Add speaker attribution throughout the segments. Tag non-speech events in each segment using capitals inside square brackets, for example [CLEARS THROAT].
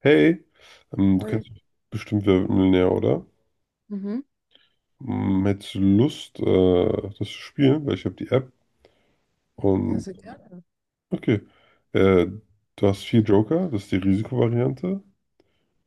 Speaker 1: Hey, du
Speaker 2: Hi.
Speaker 1: kennst bestimmt Wer wird Millionär, oder?
Speaker 2: Mhm.
Speaker 1: Hättest du Lust, das zu spielen? Weil ich habe die App
Speaker 2: Ja,
Speaker 1: und.
Speaker 2: sehr gerne.
Speaker 1: Okay. Äh, Du hast vier Joker, das ist die Risikovariante.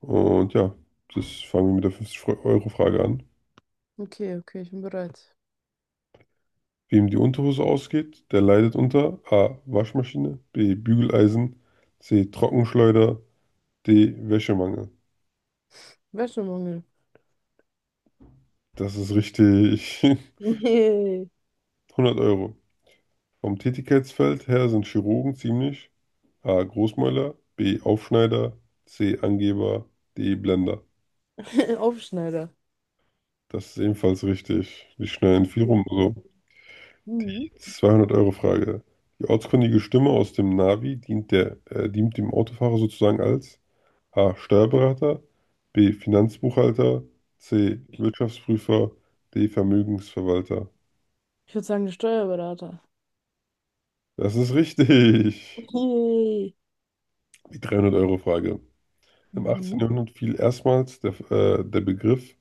Speaker 1: Und ja, das fangen wir mit der 50-Euro-Frage an.
Speaker 2: Okay, okay, ich bin bereit.
Speaker 1: Wem die Unterhose ausgeht, der leidet unter A. Waschmaschine, B. Bügeleisen, C. Trockenschleuder, D. Wäschemangel.
Speaker 2: Wäschemangel.
Speaker 1: Das ist richtig. [LAUGHS]
Speaker 2: Nee.
Speaker 1: 100 Euro. Vom Tätigkeitsfeld her sind Chirurgen ziemlich A. Großmäuler, B. Aufschneider, C. Angeber, D. Blender.
Speaker 2: [LAUGHS] Aufschneider.
Speaker 1: Das ist ebenfalls richtig. Die schneiden viel rum. Also,
Speaker 2: Mhm.
Speaker 1: die 200-Euro-Frage. Die ortskundige Stimme aus dem Navi dient dem Autofahrer sozusagen als A. Steuerberater, B. Finanzbuchhalter, C. Wirtschaftsprüfer, D. Vermögensverwalter.
Speaker 2: Ich würde sagen, der Steuerberater.
Speaker 1: Das ist richtig.
Speaker 2: Yay.
Speaker 1: Die 300-Euro-Frage. Im 18.
Speaker 2: Mhm.
Speaker 1: Jahrhundert fiel erstmals der Begriff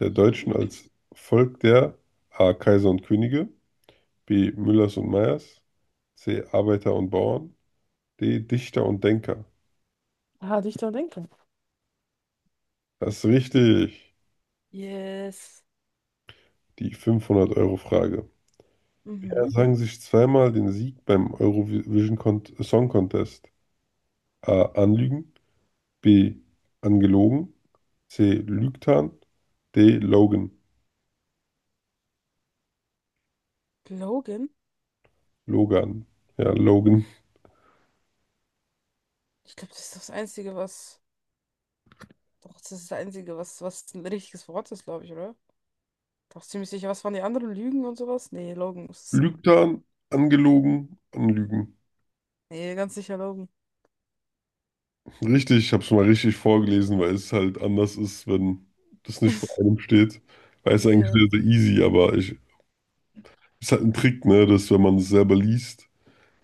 Speaker 1: der Deutschen als Volk der A. Kaiser und Könige, B. Müllers und Meyers, C. Arbeiter und Bauern, D. Dichter und Denker.
Speaker 2: Ah, Dichter und Denker.
Speaker 1: Das ist richtig.
Speaker 2: Yes.
Speaker 1: Die 500 Euro Frage. Wer
Speaker 2: Mhm.
Speaker 1: sang sich zweimal den Sieg beim Eurovision Con Song Contest? A. Anlügen, B. Angelogen, C. Lügtan, D. Logan.
Speaker 2: Logan?
Speaker 1: Logan. Ja, Logan.
Speaker 2: Ich glaube, das ist das Einzige, was. Doch, das ist das Einzige, was ein richtiges Wort ist, glaube ich, oder? Doch ziemlich sicher. Was waren die anderen? Lügen und sowas? Nee, Logan muss es sein.
Speaker 1: Lügtan, angelogen, anlügen.
Speaker 2: Nee, ganz sicher Logan.
Speaker 1: Richtig, ich habe es mal richtig vorgelesen, weil es halt anders ist, wenn das nicht vor einem steht. Weil es eigentlich
Speaker 2: Ja,
Speaker 1: sehr, sehr easy, aber ist halt ein Trick, ne, dass wenn man es selber liest,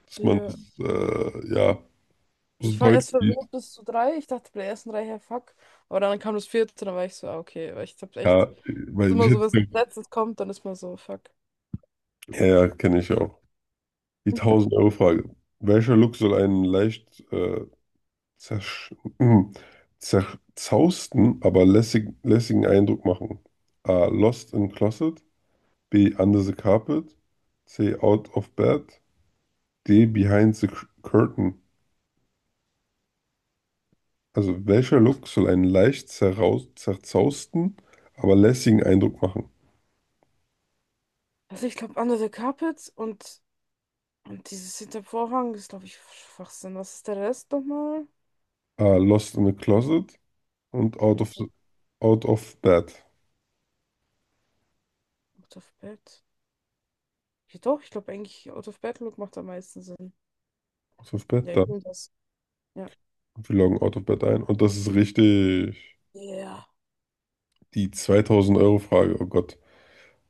Speaker 1: dass man
Speaker 2: ja.
Speaker 1: es, ja, so
Speaker 2: Ich war
Speaker 1: deutlich
Speaker 2: erst
Speaker 1: liest.
Speaker 2: verwirrt bis zu drei. Ich dachte bei der ersten drei, hey, fuck. Aber dann kam das vierte, dann war ich so, ah, okay. Weil ich hab echt,
Speaker 1: Ja,
Speaker 2: ist
Speaker 1: weil
Speaker 2: immer so, wenn es
Speaker 1: ich,
Speaker 2: als letztes kommt, dann ist man so, fuck.
Speaker 1: ja, ja, kenne ich auch. Die
Speaker 2: [LAUGHS]
Speaker 1: 1000-Euro-Frage. Welcher Look soll einen leicht zersch [CLEARS THROAT] zerzausten, aber lässigen Eindruck machen? A. Lost in Closet. B. Under the Carpet. C. Out of Bed. D. Behind the Curtain. Also, welcher Look soll einen leicht zerraus zerzausten, aber lässigen Eindruck machen?
Speaker 2: Also ich glaube, Under the Carpet und dieses hinter dem Vorhang ist, glaube ich, Schwachsinn. Was ist der Rest nochmal?
Speaker 1: A. Lost in a Closet und
Speaker 2: Mhm.
Speaker 1: out of Bed.
Speaker 2: Out of Bed. Ja, doch, ich glaube eigentlich, Out of Bed Look macht am meisten Sinn.
Speaker 1: Out of Bed,
Speaker 2: Ja,
Speaker 1: da.
Speaker 2: ich nehme das. Ja.
Speaker 1: Wir loggen Out of Bed ein. Und das ist richtig.
Speaker 2: Ja.
Speaker 1: Die 2000 Euro Frage, oh Gott.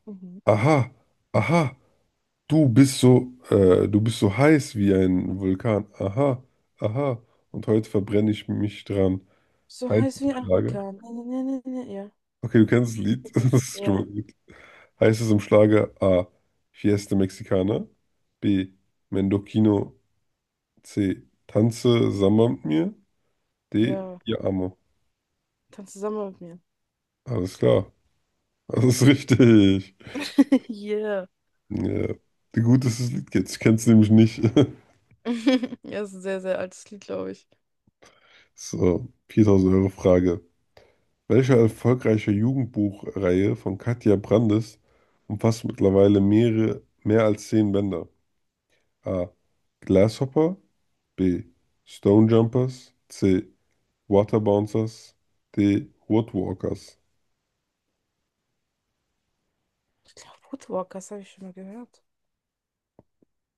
Speaker 2: Mhm.
Speaker 1: Aha, aha, du bist so heiß wie ein Vulkan. Aha, aha. Und heute verbrenne ich mich dran.
Speaker 2: So
Speaker 1: Heiße
Speaker 2: heiß wie ein
Speaker 1: Frage.
Speaker 2: Orkan. Ne, ne, ne, ne, ne. Ja.
Speaker 1: Okay, du kennst das Lied. [LAUGHS]
Speaker 2: [LAUGHS]
Speaker 1: Das ist schon
Speaker 2: Ja.
Speaker 1: mal gut. Heißt es im Schlager A. Fiesta Mexicana, B. Mendocino, C. Tanze Samba mit mir, D.
Speaker 2: Ja.
Speaker 1: Ihr Amo.
Speaker 2: Tanz zusammen mit mir.
Speaker 1: Alles klar, [LAUGHS] das ist richtig.
Speaker 2: [LAUGHS] Yeah.
Speaker 1: Ja. Gut, dass du das Lied kennst. Ich kenn's nämlich nicht. [LAUGHS]
Speaker 2: [LAUGHS] Ja, das ist ein sehr, sehr altes Lied, glaube ich.
Speaker 1: So, 4000 Euro Frage. Welche erfolgreiche Jugendbuchreihe von Katja Brandes umfasst mittlerweile mehr als 10 Bänder? A. Grasshopper, B. Stone Jumpers, C. Water Bouncers, die Woodwalkers,
Speaker 2: Ich glaube, Woodwalkers habe ich schon mal gehört.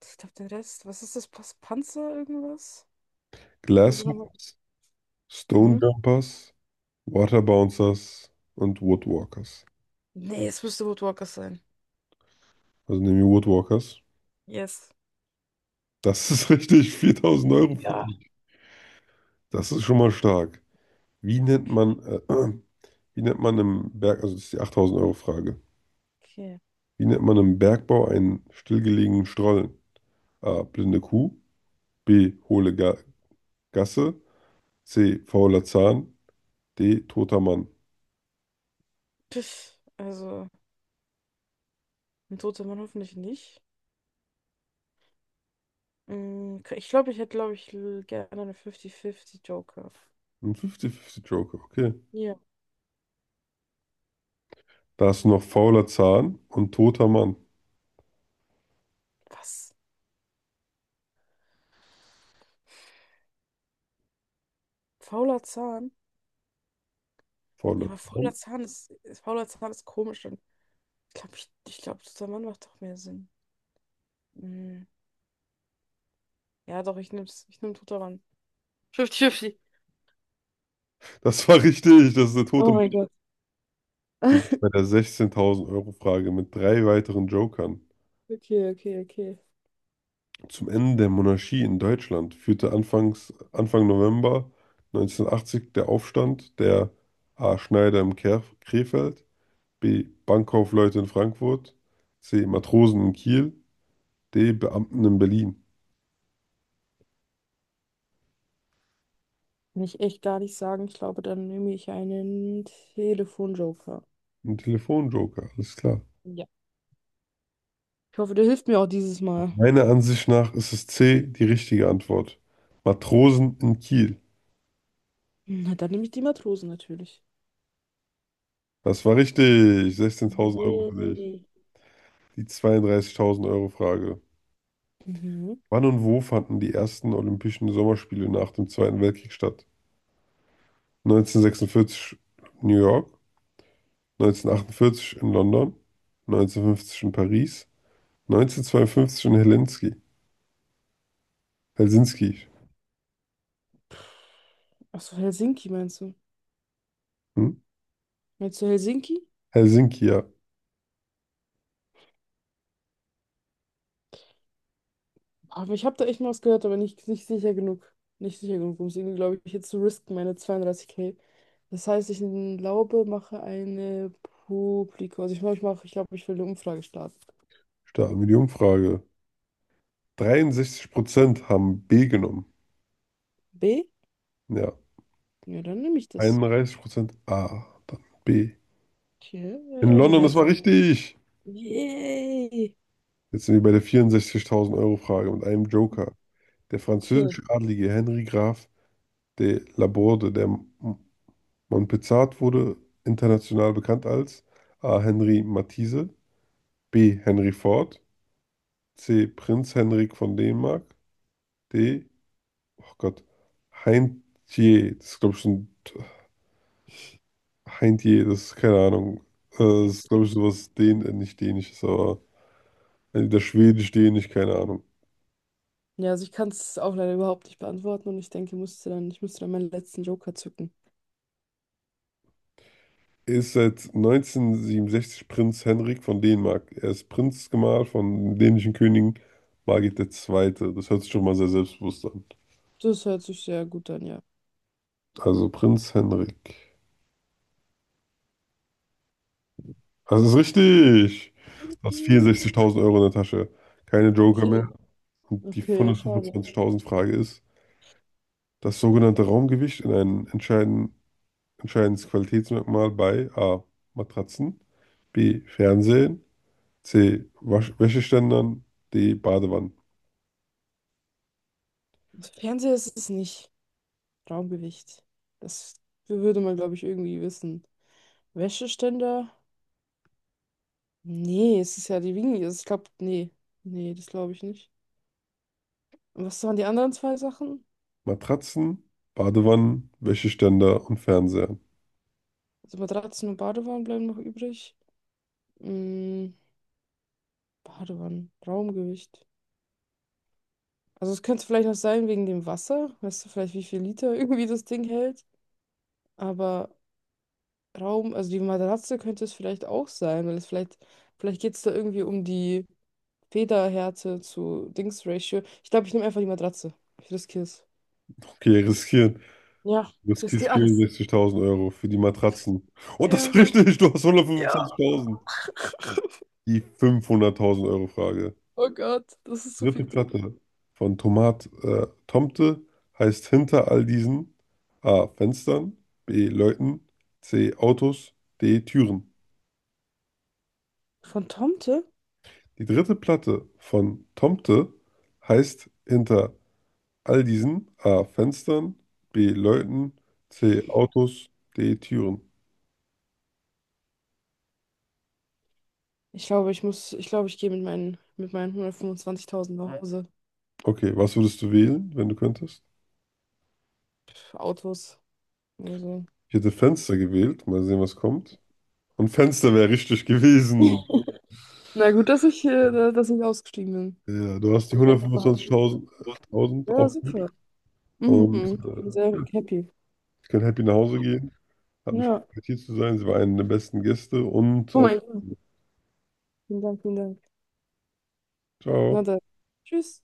Speaker 2: Ich glaube, den Rest. Was ist das? Panzer irgendwas? Kannst du nochmal.
Speaker 1: Glasshoppers, Stonejumpers,
Speaker 2: Mhm.
Speaker 1: Jumpers, Water Bouncers und Woodwalkers.
Speaker 2: Nee, es müsste Woodwalkers sein.
Speaker 1: Also nehmen wir Woodwalkers.
Speaker 2: Yes.
Speaker 1: Das ist [LAUGHS] richtig, 4000 Euro für
Speaker 2: Ja.
Speaker 1: dich. Das ist schon mal stark. Wie nennt man, äh, [CLEARS THROAT] äh, wie nennt man im Berg, also das ist die 8000 Euro Frage.
Speaker 2: Okay.
Speaker 1: Wie nennt man im Bergbau einen stillgelegenen Stollen? A. Blinde Kuh. B. Hohle Ga Gasse. C. Fauler Zahn. D. Toter Mann.
Speaker 2: Pff, also, ein toter Mann hoffentlich nicht. Ich glaube, ich hätte, glaube ich, gerne eine 50-50 Joker.
Speaker 1: Ein 50-50 Joker, okay.
Speaker 2: Ja.
Speaker 1: Da hast du noch fauler Zahn und toter Mann.
Speaker 2: Was? Fauler Zahn? Ja,
Speaker 1: Fauler
Speaker 2: aber
Speaker 1: Zahn.
Speaker 2: fauler Zahn fauler Zahn ist komisch. Und ich glaube, ich glaube, toter Mann macht doch mehr Sinn. Mm. Ja, doch, ich nehm's. Ich nehm Tutoran. 50-50.
Speaker 1: Das war richtig, das ist der tote
Speaker 2: Oh
Speaker 1: Mann.
Speaker 2: mein Gott.
Speaker 1: Du bist
Speaker 2: [LAUGHS]
Speaker 1: bei der 16.000-Euro-Frage mit drei weiteren Jokern.
Speaker 2: Okay, okay, okay.
Speaker 1: Zum Ende der Monarchie in Deutschland führte Anfang November 1980 der Aufstand der A. Schneider im Krefeld, B. Bankkaufleute in Frankfurt, C. Matrosen in Kiel, D. Beamten in Berlin.
Speaker 2: Kann ich echt gar nicht sagen. Ich glaube, dann nehme ich einen Telefonjoker.
Speaker 1: Ein Telefonjoker, alles klar.
Speaker 2: Ja. Ich hoffe, der hilft mir auch dieses Mal.
Speaker 1: Meiner Ansicht nach ist es C, die richtige Antwort. Matrosen in Kiel.
Speaker 2: Na, dann nehme ich die Matrosen natürlich.
Speaker 1: Das war richtig. 16.000 Euro für dich.
Speaker 2: Yay.
Speaker 1: Die 32.000 Euro Frage.
Speaker 2: Mhm.
Speaker 1: Wann und wo fanden die ersten Olympischen Sommerspiele nach dem Zweiten Weltkrieg statt? 1946 New York, 1948 in London, 1950 in Paris, 1952 in Helsinki. Helsinki.
Speaker 2: Achso, Helsinki meinst du?
Speaker 1: Hm?
Speaker 2: Meinst du Helsinki?
Speaker 1: Helsinki, ja.
Speaker 2: Aber ich habe da echt mal was gehört, aber nicht sicher genug. Nicht sicher genug, um es irgendwie, glaube ich, jetzt zu risken, meine 32k. Das heißt, ich glaube, mache eine Publikum. Also ich glaube, ich mache, ich glaube, ich will eine Umfrage starten.
Speaker 1: Starten wir die Umfrage. 63% haben B genommen.
Speaker 2: B?
Speaker 1: Ja.
Speaker 2: Ja, dann nehme ich das.
Speaker 1: 31% A, dann B.
Speaker 2: Hier, ja,
Speaker 1: In
Speaker 2: ich nehme die
Speaker 1: London, das war
Speaker 2: Mehrzahl.
Speaker 1: richtig.
Speaker 2: Yay!
Speaker 1: Jetzt sind wir bei der 64.000 Euro Frage mit einem Joker. Der
Speaker 2: Okay.
Speaker 1: französische Adlige Henri Graf de Laborde, Montpezat wurde, international bekannt als A. Henri Matisse, B. Henry Ford, C. Prinz Henrik von Dänemark, D. Oh Gott, Heintje, das ist keine Ahnung. Das ist glaube ich sowas den nicht Dänisches, aber. Also entweder Schwedisch, Dänisch, keine Ahnung.
Speaker 2: Ja, also ich kann es auch leider überhaupt nicht beantworten und ich denke, musste dann, ich müsste dann meinen letzten Joker zücken.
Speaker 1: Er ist seit 1967 Prinz Henrik von Dänemark. Er ist Prinzgemahl von dänischen Königin Margit der Zweite. Das hört sich schon mal sehr selbstbewusst an.
Speaker 2: Das hört sich sehr gut an, ja.
Speaker 1: Also Prinz Henrik. Das ist richtig. Du hast
Speaker 2: Piep.
Speaker 1: 64.000 Euro in der Tasche. Keine Joker
Speaker 2: Okay.
Speaker 1: mehr. Und die
Speaker 2: Okay, schade.
Speaker 1: 125.000 Frage ist, das sogenannte Raumgewicht in einem entscheidendes Qualitätsmerkmal bei A. Matratzen, B. Fernsehen, C. Wasch Wäscheständern. D. Badewannen.
Speaker 2: Fernseher ist es nicht. Raumgewicht. Das würde man, glaube ich, irgendwie wissen. Wäscheständer? Nee, es ist ja die Wiege. Also ich glaube, nee. Nee, das glaube ich nicht. Und was waren die anderen zwei Sachen?
Speaker 1: Matratzen, Badewannen, Wäscheständer und Fernseher.
Speaker 2: Also Matratzen und Badewannen bleiben noch übrig. Mm, Badewannen, Raumgewicht. Also es könnte vielleicht noch sein wegen dem Wasser. Weißt du vielleicht, wie viel Liter [LAUGHS] irgendwie das Ding hält? Aber Raum, also die Matratze könnte es vielleicht auch sein, weil es vielleicht geht es da irgendwie um die Federhärte zu Dings-Ratio. Ich glaube, ich nehme einfach die Matratze. Ich riskiere es.
Speaker 1: Okay, riskieren.
Speaker 2: Ja,
Speaker 1: Du
Speaker 2: ich
Speaker 1: riskierst
Speaker 2: riskiere alles.
Speaker 1: 64.000 Euro für die Matratzen. Und das ist
Speaker 2: Ja.
Speaker 1: richtig, du hast
Speaker 2: Ja.
Speaker 1: 125.000. Die 500.000 Euro Frage.
Speaker 2: Oh Gott, das ist zu
Speaker 1: Dritte
Speaker 2: viel Druck.
Speaker 1: Platte von Tomat Tomte heißt hinter all diesen A. Fenstern, B. Leuten, C. Autos, D. Türen.
Speaker 2: Von Tomte?
Speaker 1: Die dritte Platte von Tomte heißt hinter all diesen A. Fenstern, B. Leuten, C. Autos, D. Türen.
Speaker 2: Ich glaube, ich gehe mit meinen 125.000 nach Hause.
Speaker 1: Okay, was würdest du wählen, wenn du könntest?
Speaker 2: Pff, Autos oder so.
Speaker 1: Ich hätte Fenster gewählt. Mal sehen, was kommt. Und Fenster wäre richtig gewesen.
Speaker 2: [LAUGHS] Na gut, dass ich ausgestiegen bin.
Speaker 1: Ja, du
Speaker 2: Weil
Speaker 1: hast
Speaker 2: ich
Speaker 1: die
Speaker 2: will Geld noch behalten. Will.
Speaker 1: 125.000 1000
Speaker 2: Ja,
Speaker 1: auch gut.
Speaker 2: super.
Speaker 1: Und
Speaker 2: Mhm. Ich bin sehr happy.
Speaker 1: ich kann happy nach Hause gehen. Hat mich
Speaker 2: Ja.
Speaker 1: gefreut, hier zu sein. Sie war eine der besten Gäste. Und
Speaker 2: Oh
Speaker 1: auf
Speaker 2: mein Gott. Vielen Dank, vielen Dank. Na
Speaker 1: Ciao.
Speaker 2: dann. Tschüss.